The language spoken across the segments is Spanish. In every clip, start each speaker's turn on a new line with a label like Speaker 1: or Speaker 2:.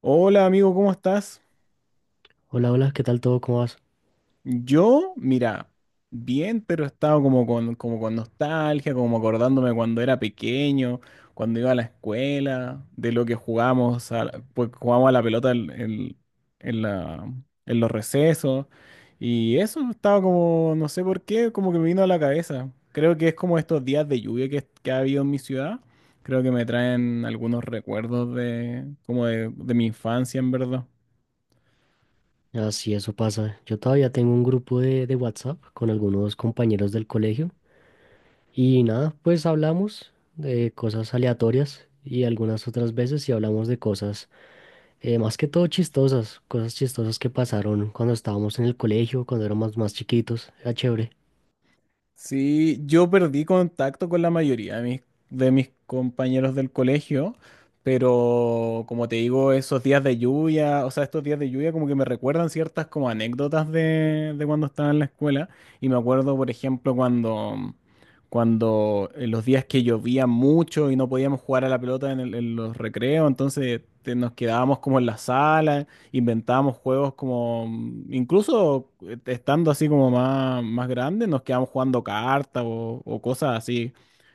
Speaker 1: Hola amigo, ¿cómo estás?
Speaker 2: Hola, hola, ¿qué tal todo? ¿Cómo vas?
Speaker 1: Yo, mira, bien, pero estaba como con nostalgia, como acordándome cuando era pequeño, cuando iba a la escuela, de lo que jugábamos, pues jugábamos a la pelota en la- en los recesos. Y eso estaba como, no sé por qué, como que me vino a la cabeza. Creo que es como estos días de lluvia que ha habido en mi ciudad. Creo que me traen algunos recuerdos de, como de mi infancia, en verdad.
Speaker 2: Así eso pasa. Yo todavía tengo un grupo de WhatsApp con algunos compañeros del colegio y nada, pues hablamos de cosas aleatorias y algunas otras veces sí hablamos de cosas más que todo chistosas, cosas chistosas que pasaron cuando estábamos en el colegio, cuando éramos más chiquitos. Era chévere.
Speaker 1: Sí, yo perdí contacto con la mayoría de mis compañeros del colegio, pero como te digo, esos días de lluvia, o sea, estos días de lluvia como que me recuerdan ciertas como anécdotas de cuando estaba en la escuela. Y me acuerdo, por ejemplo, cuando en los días que llovía mucho y no podíamos jugar a la pelota en, en los recreos, entonces nos quedábamos como en la sala, inventábamos juegos como, incluso estando así como más, más grandes, nos quedábamos jugando cartas o cosas así.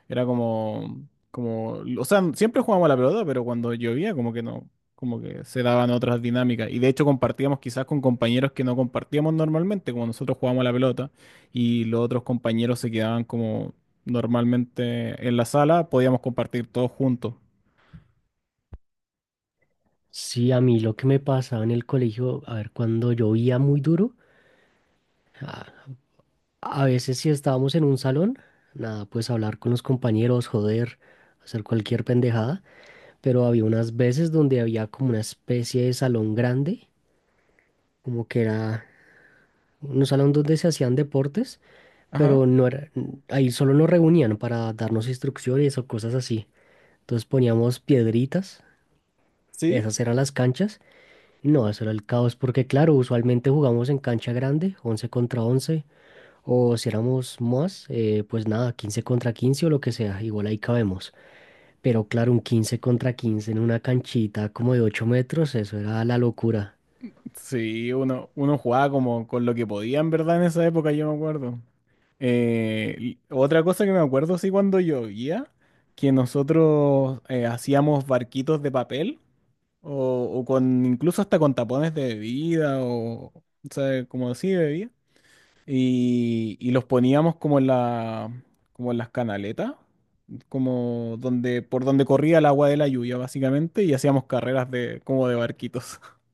Speaker 1: Era como, como, o sea, siempre jugábamos a la pelota, pero cuando llovía como que no, como que se daban otras dinámicas. Y de hecho compartíamos quizás con compañeros que no compartíamos normalmente, como nosotros jugábamos a la pelota y los otros compañeros se quedaban como normalmente en la sala, podíamos compartir todos juntos.
Speaker 2: Sí, a mí lo que me pasaba en el colegio, a ver, cuando llovía muy duro. ah, A veces si estábamos en un salón, nada, pues hablar con los compañeros, joder, hacer cualquier pendejada, pero había unas veces donde había como una especie de salón grande, como que era un salón donde se hacían deportes,
Speaker 1: Ajá.
Speaker 2: pero no era, ahí solo nos reunían para darnos instrucciones o cosas así. Entonces poníamos piedritas,
Speaker 1: Sí.
Speaker 2: esas eran las canchas. No, eso era el caos porque claro, usualmente jugamos en cancha grande, 11 contra 11. O si éramos más, pues nada, 15 contra 15 o lo que sea, igual ahí cabemos. Pero claro, un 15 contra 15 en una canchita como de 8 metros, eso era la locura.
Speaker 1: Sí, uno, uno jugaba como con lo que podía, en verdad, en esa época, yo me acuerdo. Y otra cosa que me acuerdo, sí, cuando llovía, que nosotros hacíamos barquitos de papel, o, o con incluso hasta con tapones de bebida, o sea, como así de bebida, y los poníamos como en la, como en las canaletas, como donde, por donde corría el agua de la lluvia, básicamente, y hacíamos carreras de, como de barquitos.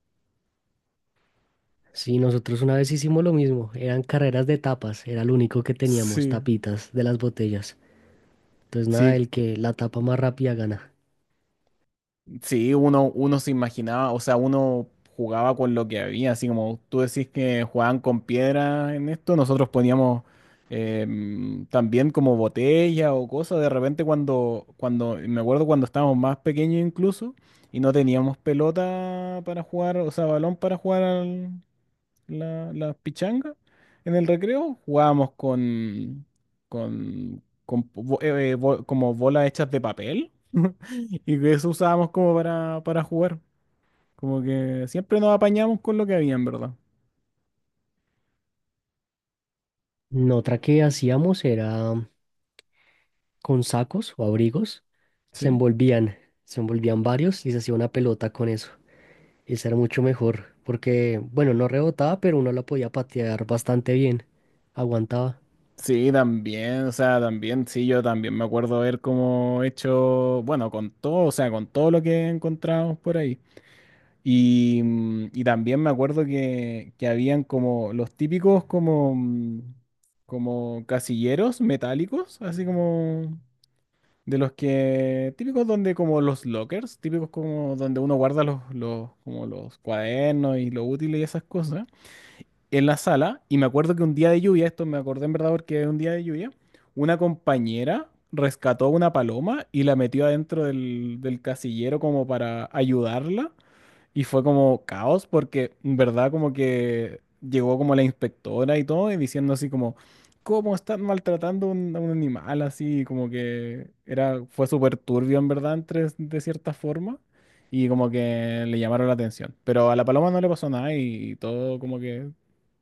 Speaker 2: Sí, nosotros una vez hicimos lo mismo, eran carreras de tapas, era lo único que teníamos,
Speaker 1: Sí.
Speaker 2: tapitas de las botellas. Entonces nada,
Speaker 1: Sí,
Speaker 2: el que la tapa más rápida gana.
Speaker 1: sí, uno, uno se imaginaba, o sea, uno jugaba con lo que había, así como tú decís que jugaban con piedra en esto, nosotros poníamos también como botella o cosas, de repente me acuerdo cuando estábamos más pequeños incluso, y no teníamos pelota para jugar, o sea, balón para jugar la pichanga. En el recreo jugábamos con como bolas hechas de papel y que eso usábamos como para jugar. Como que siempre nos apañamos con lo que había, en verdad.
Speaker 2: Mm, otra que hacíamos era con sacos o abrigos, se
Speaker 1: Sí.
Speaker 2: envolvían, se envolvían varios y se hacía una pelota con eso. Y ser mucho mejor, porque, bueno, no rebotaba, pero uno la podía patear bastante bien, aguantaba.
Speaker 1: Sí, también, o sea, también, sí, yo también me acuerdo haber como hecho, bueno, con todo, o sea, con todo lo que encontramos por ahí. Y también me acuerdo que habían como los típicos como, como casilleros metálicos, así como de los que típicos donde como los lockers, típicos como donde uno guarda los, como los cuadernos y los útiles y esas cosas, en la sala. Y me acuerdo que un día de lluvia, esto me acordé en verdad porque es un día de lluvia, una compañera rescató una paloma y la metió adentro del casillero como para ayudarla. Y fue como caos porque, en verdad, como que llegó como la inspectora y todo, y diciendo así como, ¿cómo están maltratando a a un animal? Así como que era, fue súper turbio, en verdad, entre, de cierta forma, y como que le llamaron la atención. Pero a la paloma no le pasó nada y todo como que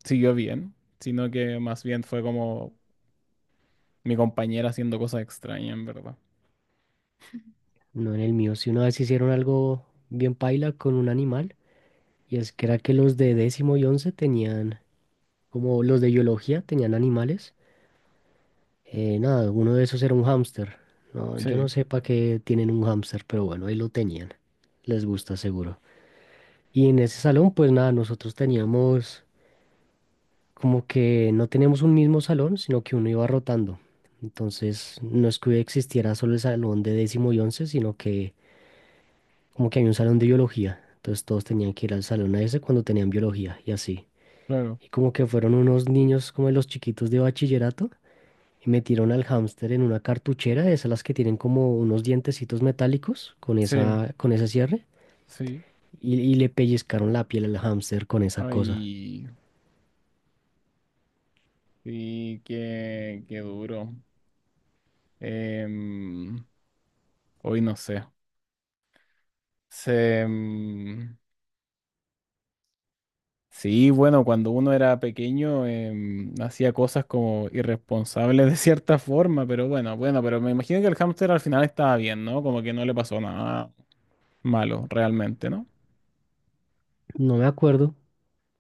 Speaker 1: siguió bien, sino que más bien fue como mi compañera haciendo cosas extrañas, en verdad.
Speaker 2: No en el mío, si una vez hicieron algo bien paila con un animal, y es que era que los de décimo y once tenían, como los de biología tenían animales, nada, uno de esos era un hámster. No, yo no
Speaker 1: Sí,
Speaker 2: sé para qué tienen un hámster, pero bueno, ahí lo tenían. Les gusta seguro. Y en ese salón, pues nada, nosotros teníamos como que no tenemos un mismo salón, sino que uno iba rotando. Entonces, no es que existiera solo el salón de décimo y once, sino que como que hay un salón de biología. Entonces, todos tenían que ir al salón a ese cuando tenían biología y así.
Speaker 1: claro.
Speaker 2: Y como que fueron unos niños como de los chiquitos de bachillerato y metieron al hámster en una cartuchera, de esas las que tienen como unos dientecitos metálicos con
Speaker 1: Sí,
Speaker 2: esa, con ese cierre.
Speaker 1: sí.
Speaker 2: Y le pellizcaron la piel al hámster con esa cosa.
Speaker 1: Ay. Sí, qué, qué duro. Em, Hoy no sé. Se, em, sí, bueno, cuando uno era pequeño hacía cosas como irresponsables de cierta forma, pero bueno, bueno, pero me imagino que el hámster al final estaba bien, ¿no? Como que no le pasó nada malo realmente, ¿no?
Speaker 2: No me acuerdo,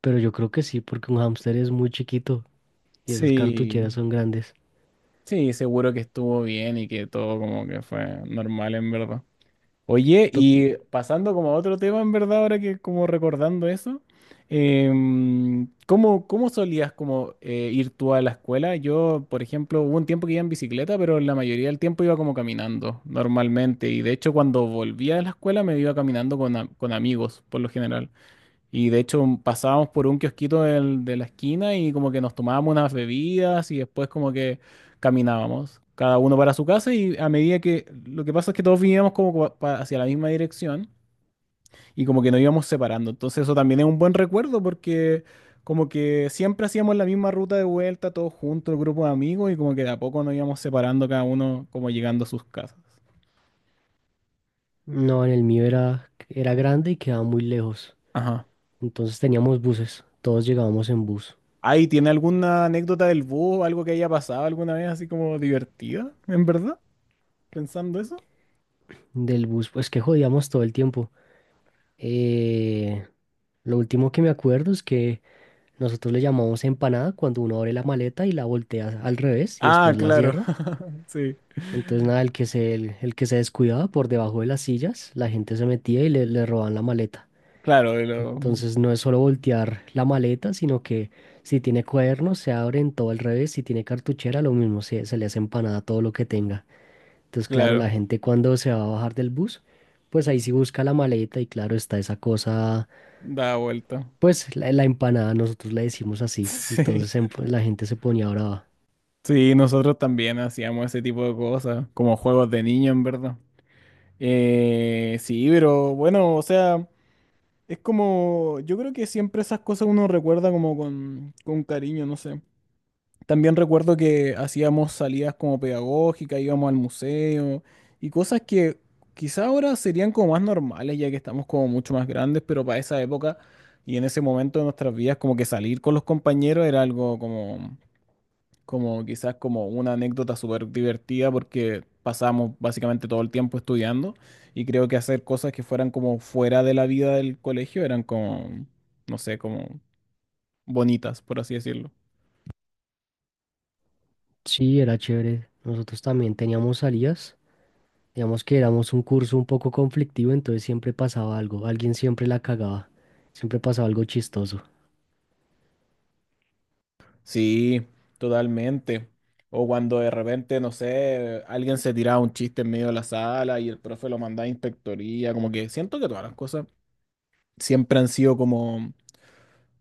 Speaker 2: pero yo creo que sí, porque un hámster es muy chiquito. Y esas
Speaker 1: Sí,
Speaker 2: cartucheras son grandes.
Speaker 1: sí, seguro que estuvo bien y que todo como que fue normal en verdad. Oye,
Speaker 2: To-
Speaker 1: y pasando como a otro tema, en verdad, ahora que como recordando eso, ¿cómo, cómo solías como ir tú a la escuela? Yo, por ejemplo, hubo un tiempo que iba en bicicleta, pero la mayoría del tiempo iba como caminando normalmente. Y de hecho, cuando volvía de la escuela me iba caminando con amigos, por lo general. Y de hecho pasábamos por un kiosquito de la esquina y como que nos tomábamos unas bebidas y después como que caminábamos, cada uno para su casa y a medida que lo que pasa es que todos vivíamos como hacia la misma dirección y como que nos íbamos separando. Entonces eso también es un buen recuerdo porque como que siempre hacíamos la misma ruta de vuelta todos juntos, el grupo de amigos y como que de a poco nos íbamos separando cada uno como llegando a sus casas.
Speaker 2: No, en el mío era grande y quedaba muy lejos.
Speaker 1: Ajá.
Speaker 2: Entonces teníamos buses, todos llegábamos en bus.
Speaker 1: Ay, ¿tiene alguna anécdota del bus, algo que haya pasado alguna vez así como divertida, en verdad? Pensando eso.
Speaker 2: Del bus, pues que jodíamos todo el tiempo. Eh, lo último que me acuerdo es que nosotros le llamamos empanada cuando uno abre la maleta y la voltea al revés y
Speaker 1: Ah,
Speaker 2: después la
Speaker 1: claro,
Speaker 2: cierra.
Speaker 1: sí.
Speaker 2: Entonces nada, el que se descuidaba por debajo de las sillas, la gente se metía y le robaban la maleta.
Speaker 1: Claro, de lo,
Speaker 2: Entonces no es solo voltear la maleta, sino que si tiene cuadernos se abren todo al revés, si tiene cartuchera lo mismo, se le hace empanada todo lo que tenga. Entonces claro, la
Speaker 1: claro,
Speaker 2: gente cuando se va a bajar del bus, pues ahí sí busca la maleta y claro está esa cosa,
Speaker 1: da vuelta.
Speaker 2: pues la empanada nosotros le decimos así.
Speaker 1: Sí.
Speaker 2: Entonces pues la gente se ponía brava.
Speaker 1: Sí, nosotros también hacíamos ese tipo de cosas, como juegos de niño, en verdad. Sí, pero bueno, o sea, es como, yo creo que siempre esas cosas uno recuerda como con cariño, no sé. También recuerdo que hacíamos salidas como pedagógicas, íbamos al museo y cosas que quizá ahora serían como más normales ya que estamos como mucho más grandes, pero para esa época y en ese momento de nuestras vidas como que salir con los compañeros era algo como, como quizás como una anécdota súper divertida porque pasábamos básicamente todo el tiempo estudiando y creo que hacer cosas que fueran como fuera de la vida del colegio eran como, no sé, como bonitas, por así decirlo.
Speaker 2: Sí, era chévere. Nosotros también teníamos salidas. Digamos que éramos un curso un poco conflictivo, entonces siempre pasaba algo, alguien siempre la cagaba, siempre pasaba algo chistoso.
Speaker 1: Sí, totalmente. O cuando de repente, no sé, alguien se tiraba un chiste en medio de la sala y el profe lo mandaba a inspectoría, como que siento que todas las cosas siempre han sido como,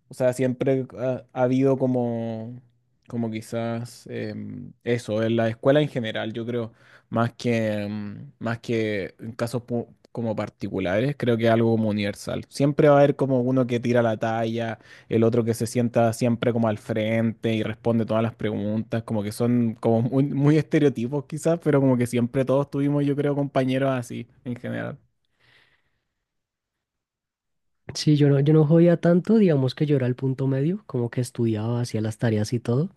Speaker 1: o sea, siempre ha habido como, como quizás eso, en la escuela en general, yo creo, más más que en casos como particulares, creo que es algo como universal. Siempre va a haber como uno que tira la talla, el otro que se sienta siempre como al frente y responde todas las preguntas, como que son como muy, muy estereotipos quizás, pero como que siempre todos tuvimos, yo creo, compañeros así en general.
Speaker 2: Sí, yo no jodía tanto, digamos que yo era el punto medio, como que estudiaba, hacía las tareas y todo,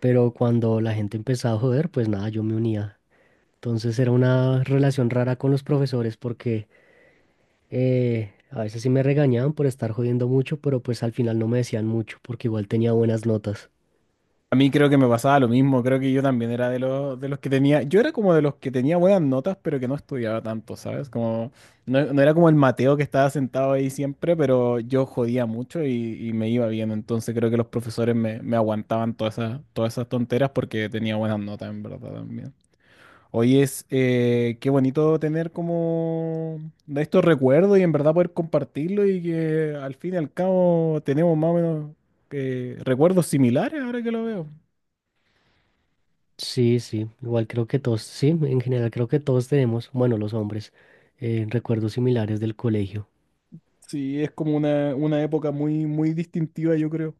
Speaker 2: pero cuando la gente empezaba a joder, pues nada, yo me unía. Entonces era una relación rara con los profesores porque a veces sí me regañaban por estar jodiendo mucho, pero pues al final no me decían mucho porque igual tenía buenas notas.
Speaker 1: A mí creo que me pasaba lo mismo, creo que yo también era de los que tenía, yo era como de los que tenía buenas notas, pero que no estudiaba tanto, ¿sabes? Como, no, no era como el Mateo que estaba sentado ahí siempre, pero yo jodía mucho y me iba bien, entonces creo que los profesores me aguantaban todas todas esas tonteras porque tenía buenas notas, en verdad, también. Hoy es, qué bonito tener como de estos recuerdos y en verdad poder compartirlo y que al fin y al cabo tenemos más o menos recuerdos similares ahora que lo veo.
Speaker 2: Sí, sí, igual creo que todos, sí, en general creo que todos tenemos, bueno, los hombres, recuerdos similares del colegio.
Speaker 1: Sí, es como una época muy, muy distintiva, yo creo.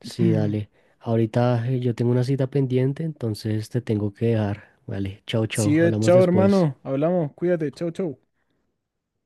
Speaker 2: Sí, dale. Ahorita yo tengo una cita pendiente, entonces te tengo que dejar. Vale, chao, chao.
Speaker 1: Sí,
Speaker 2: Hablamos
Speaker 1: chao,
Speaker 2: después.
Speaker 1: hermano. Hablamos. Cuídate. Chao, chao.